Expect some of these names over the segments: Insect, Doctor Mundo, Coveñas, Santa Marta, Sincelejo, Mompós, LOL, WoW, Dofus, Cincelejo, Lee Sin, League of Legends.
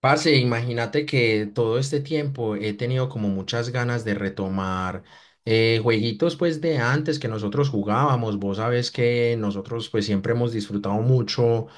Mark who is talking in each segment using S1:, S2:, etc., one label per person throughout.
S1: Parce, imagínate que todo este tiempo he tenido como muchas ganas de retomar jueguitos pues de antes que nosotros jugábamos. Vos sabés que nosotros pues siempre hemos disfrutado mucho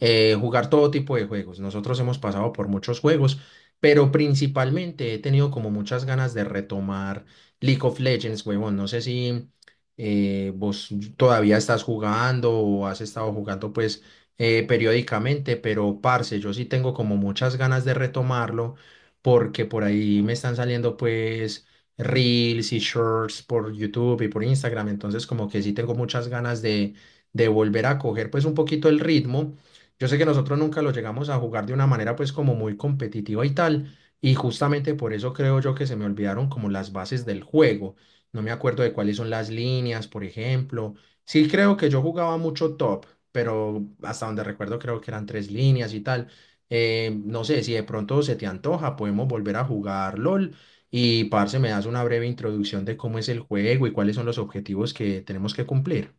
S1: jugar todo tipo de juegos. Nosotros hemos pasado por muchos juegos, pero principalmente he tenido como muchas ganas de retomar League of Legends, huevón. No sé si vos todavía estás jugando o has estado jugando pues periódicamente, pero parce, yo sí tengo como muchas ganas de retomarlo porque por ahí me están saliendo pues reels y shorts por YouTube y por Instagram, entonces como que sí tengo muchas ganas de volver a coger pues un poquito el ritmo. Yo sé que nosotros nunca lo llegamos a jugar de una manera pues como muy competitiva y tal, y justamente por eso creo yo que se me olvidaron como las bases del juego. No me acuerdo de cuáles son las líneas, por ejemplo. Sí creo que yo jugaba mucho top, pero hasta donde recuerdo creo que eran tres líneas y tal. No sé, si de pronto se te antoja, podemos volver a jugar LOL y, parce, me das una breve introducción de cómo es el juego y cuáles son los objetivos que tenemos que cumplir.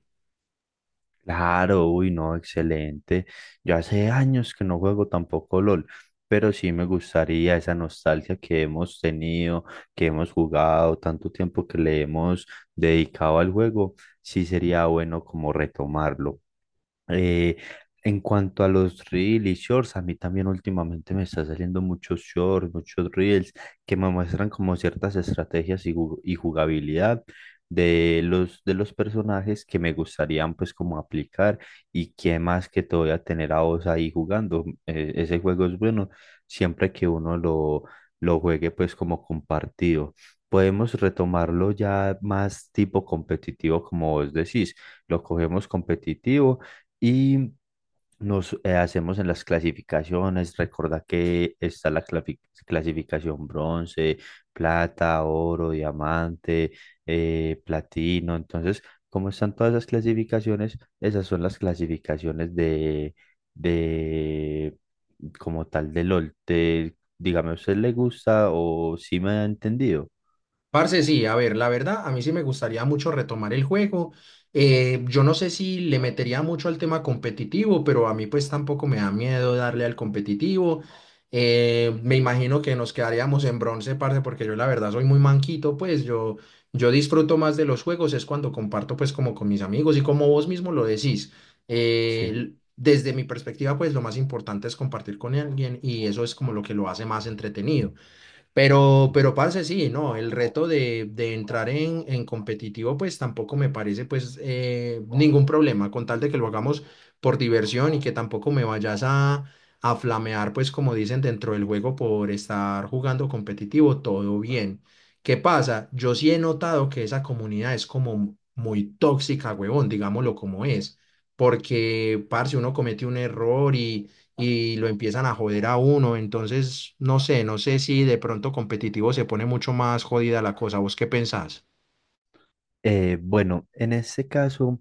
S2: Claro, uy, no, excelente. Yo hace años que no juego tampoco LOL, pero sí me gustaría esa nostalgia que hemos tenido, que hemos jugado, tanto tiempo que le hemos dedicado al juego. Sí sería bueno como retomarlo. Eh, en cuanto a los reels y shorts, a mí también últimamente me está saliendo muchos shorts, muchos reels que me muestran como ciertas estrategias y, y jugabilidad de los personajes que me gustarían pues como aplicar, y que más que todo ya tener a vos ahí jugando. Ese juego es bueno siempre que uno lo juegue pues como compartido. Podemos retomarlo ya más tipo competitivo, como vos decís, lo cogemos competitivo y nos hacemos en las clasificaciones. Recuerda que está la clasificación bronce, plata, oro, diamante, platino. Entonces, como están todas esas clasificaciones? Esas son las clasificaciones de como tal de LOL. Dígame, ¿a usted le gusta o si me ha entendido?
S1: Parce, sí, a ver, la verdad, a mí sí me gustaría mucho retomar el juego. Yo no sé si le metería mucho al tema competitivo, pero a mí pues tampoco me da miedo darle al competitivo. Me imagino que nos quedaríamos en bronce, parce, porque yo la verdad soy muy manquito, pues yo disfruto más de los juegos, es cuando comparto pues como con mis amigos y como vos mismo lo decís.
S2: Sí.
S1: Desde mi perspectiva, pues lo más importante es compartir con alguien y eso es como lo que lo hace más entretenido. Pero parce, sí, no, el reto de entrar en competitivo, pues tampoco me parece pues ningún problema, con tal de que lo hagamos por diversión y que tampoco me vayas a flamear, pues como dicen dentro del juego por estar jugando competitivo, todo bien. ¿Qué pasa? Yo sí he notado que esa comunidad es como muy tóxica, huevón, digámoslo como es, porque, parce, uno comete un error y lo empiezan a joder a uno. Entonces, no sé, no sé si de pronto competitivo se pone mucho más jodida la cosa. ¿Vos qué pensás?
S2: Bueno, en este caso.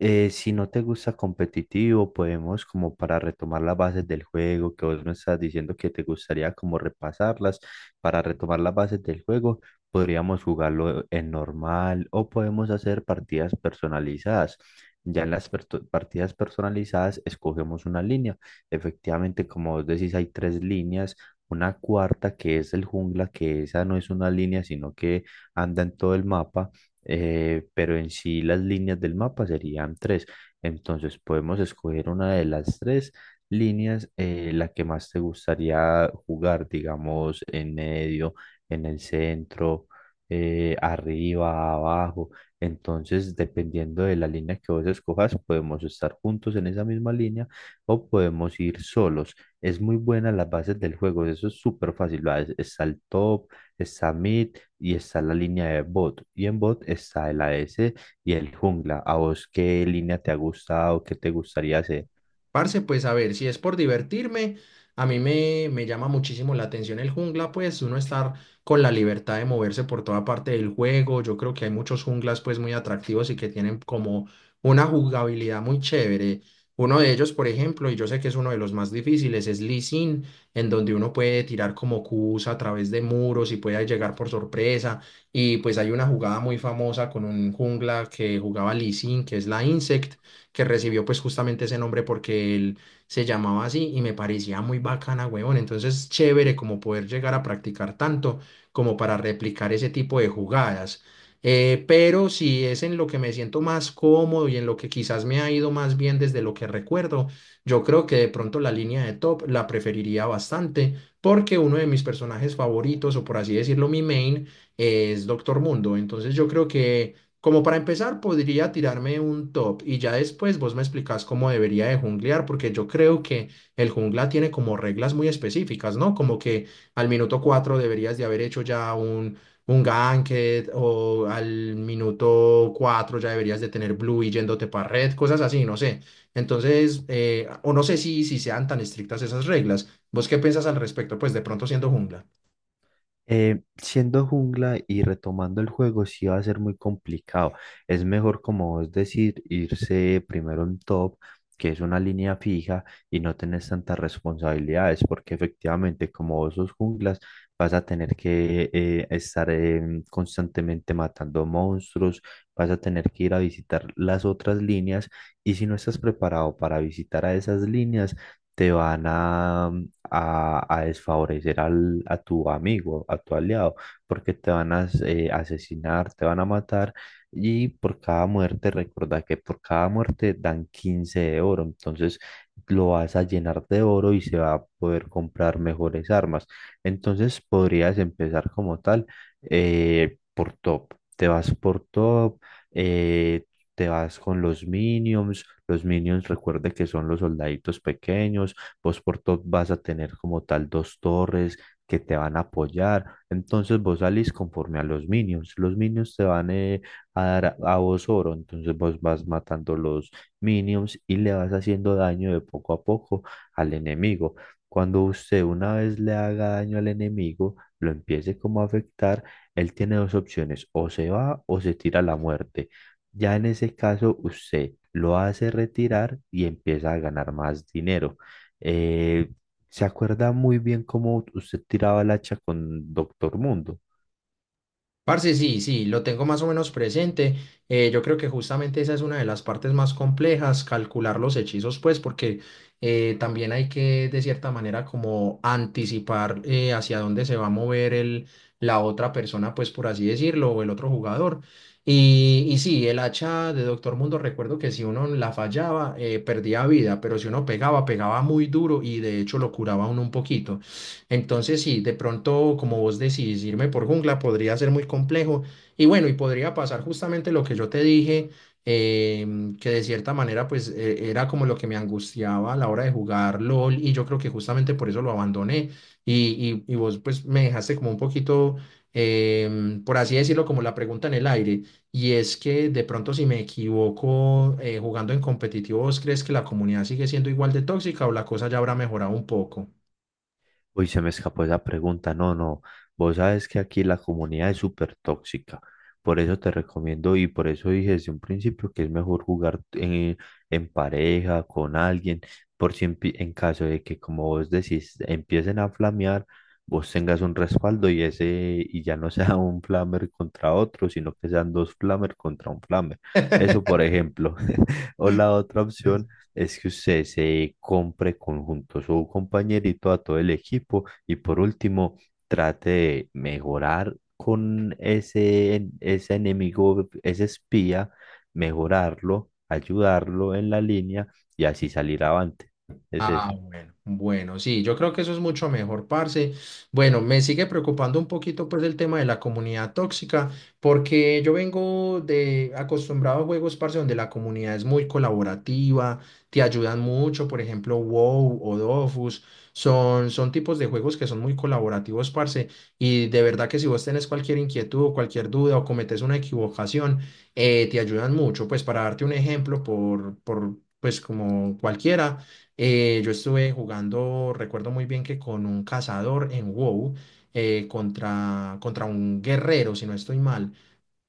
S2: Si no te gusta competitivo, podemos como para retomar las bases del juego, que vos me estás diciendo que te gustaría como repasarlas, para retomar las bases del juego, podríamos jugarlo en normal o podemos hacer partidas personalizadas. Ya en las partidas personalizadas escogemos una línea. Efectivamente, como vos decís, hay tres líneas. Una cuarta que es el jungla, que esa no es una línea, sino que anda en todo el mapa, pero en sí las líneas del mapa serían tres. Entonces podemos escoger una de las tres líneas, la que más te gustaría jugar, digamos, en medio, en el centro, arriba, abajo. Entonces, dependiendo de la línea que vos escojas, podemos estar juntos en esa misma línea o podemos ir solos. Es muy buena las bases del juego, eso es súper fácil. Va, está el top, está mid, y está la línea de bot. Y en bot está el AS y el jungla. ¿A vos qué línea te ha gustado? ¿Qué te gustaría hacer?
S1: Parce, pues a ver, si es por divertirme, a mí me llama muchísimo la atención el jungla, pues uno estar con la libertad de moverse por toda parte del juego. Yo creo que hay muchos junglas pues muy atractivos y que tienen como una jugabilidad muy chévere. Uno de ellos, por ejemplo, y yo sé que es uno de los más difíciles, es Lee Sin, en donde uno puede tirar como Qs a través de muros y puede llegar por sorpresa. Y pues hay una jugada muy famosa con un jungla que jugaba Lee Sin, que es la Insect que recibió pues justamente ese nombre porque él se llamaba así y me parecía muy bacana, huevón. Entonces, chévere como poder llegar a practicar tanto como para replicar ese tipo de jugadas. Pero si es en lo que me siento más cómodo y en lo que quizás me ha ido más bien desde lo que recuerdo, yo creo que de pronto la línea de top la preferiría bastante porque uno de mis personajes favoritos, o por así decirlo, mi main, es Doctor Mundo. Entonces yo creo que como para empezar, podría tirarme un top y ya después vos me explicás cómo debería de junglear, porque yo creo que el jungla tiene como reglas muy específicas, ¿no? Como que al minuto 4 deberías de haber hecho ya un ganket o al minuto 4 ya deberías de tener blue y yéndote para red, cosas así, no sé. Entonces, o no sé si sean tan estrictas esas reglas. ¿Vos qué piensas al respecto? Pues de pronto siendo jungla.
S2: Siendo jungla y retomando el juego, sí va a ser muy complicado. Es mejor, como vos decir, irse primero en top, que es una línea fija y no tenés tantas responsabilidades, porque efectivamente, como vos sos junglas, vas a tener que estar constantemente matando monstruos, vas a tener que ir a visitar las otras líneas, y si no estás preparado para visitar a esas líneas, te van a a desfavorecer a tu amigo, a tu aliado, porque te van a asesinar, te van a matar, y por cada muerte, recuerda que por cada muerte dan 15 de oro, entonces lo vas a llenar de oro y se va a poder comprar mejores armas. Entonces podrías empezar como tal por top, te vas por top, eh, te vas con los minions. Los minions recuerda que son los soldaditos pequeños. Vos por top vas a tener como tal dos torres que te van a apoyar, entonces vos salís conforme a los minions te van a dar a vos oro, entonces vos vas matando los minions y le vas haciendo daño de poco a poco al enemigo. Cuando usted una vez le haga daño al enemigo, lo empiece como a afectar, él tiene dos opciones, o se va o se tira a la muerte. Ya en ese caso, usted lo hace retirar y empieza a ganar más dinero. Eh, se acuerda muy bien cómo usted tiraba el hacha con Doctor Mundo.
S1: Parce, sí, sí, lo tengo más o menos presente. Yo creo que justamente esa es una de las partes más complejas, calcular los hechizos, pues, porque también hay que, de cierta manera, como anticipar hacia dónde se va a mover la otra persona, pues, por así decirlo, o el otro jugador. Sí, el hacha de Doctor Mundo, recuerdo que si uno la fallaba, perdía vida, pero si uno pegaba, pegaba muy duro y de hecho lo curaba a uno un poquito. Entonces, sí, de pronto, como vos decís, irme por jungla podría ser muy complejo. Y bueno, y podría pasar justamente lo que yo te dije, que de cierta manera, pues era como lo que me angustiaba a la hora de jugar LOL. Y yo creo que justamente por eso lo abandoné. Y vos, pues, me dejaste como un poquito, por así decirlo, como la pregunta en el aire. Y es que de pronto, si me equivoco jugando en competitivo, ¿vos crees que la comunidad sigue siendo igual de tóxica o la cosa ya habrá mejorado un poco?
S2: Uy, se me escapó esa pregunta. No, no. Vos sabes que aquí la comunidad es súper tóxica. Por eso te recomiendo y por eso dije desde un principio que es mejor jugar en pareja, con alguien, por si en, en caso de que, como vos decís, empiecen a flamear, vos tengas un respaldo y ese, y ya no sea un flamer contra otro, sino que sean dos flamer contra un flamer. Eso, por ejemplo. O la otra opción es que usted se compre conjunto su compañerito a todo el equipo y, por último, trate de mejorar con ese, ese enemigo, ese espía, mejorarlo, ayudarlo en la línea y así salir avante. Es
S1: Ah,
S2: eso.
S1: bueno, bueno, sí, yo creo que eso es mucho mejor, parce. Bueno, me sigue preocupando un poquito pues el tema de la comunidad tóxica, porque yo vengo de acostumbrado a juegos, parce, donde la comunidad es muy colaborativa, te ayudan mucho, por ejemplo, WoW o Dofus, son tipos de juegos que son muy colaborativos, parce, y de verdad que si vos tenés cualquier inquietud o cualquier duda o cometes una equivocación, te ayudan mucho, pues para darte un ejemplo por pues como cualquiera. Yo estuve jugando, recuerdo muy bien que con un cazador en WoW contra un guerrero, si no estoy mal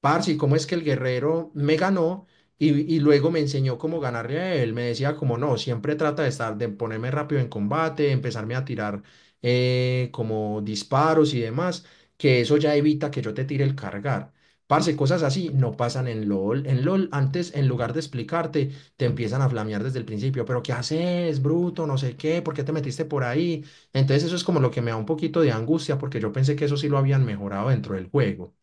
S1: parce, ¿cómo es que el guerrero me ganó? Luego me enseñó cómo ganarle a él. Me decía como no, siempre trata de estar, de ponerme rápido en combate, empezarme a tirar como disparos y demás, que eso ya evita que yo te tire el cargar. Parce, cosas así no pasan en LOL. En LOL, antes, en lugar de explicarte, te empiezan a flamear desde el principio. Pero, ¿qué haces, bruto? No sé qué, ¿por qué te metiste por ahí? Entonces, eso es como lo que me da un poquito de angustia, porque yo pensé que eso sí lo habían mejorado dentro del juego.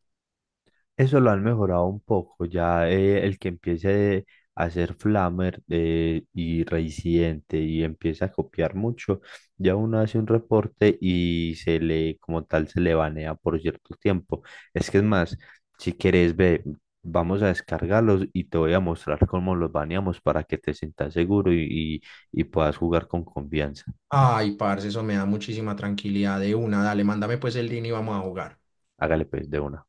S2: Eso lo han mejorado un poco. Ya el que empiece a hacer Flammer y Reincidente y empieza a copiar mucho, ya uno hace un reporte y se le, como tal, se le banea por cierto tiempo. Es que es más, si quieres, ve, vamos a descargarlos y te voy a mostrar cómo los baneamos para que te sientas seguro y, y puedas jugar con confianza.
S1: Ay, parce, eso me da muchísima tranquilidad de una. Dale, mándame pues el link y vamos a jugar.
S2: Hágale pues de una.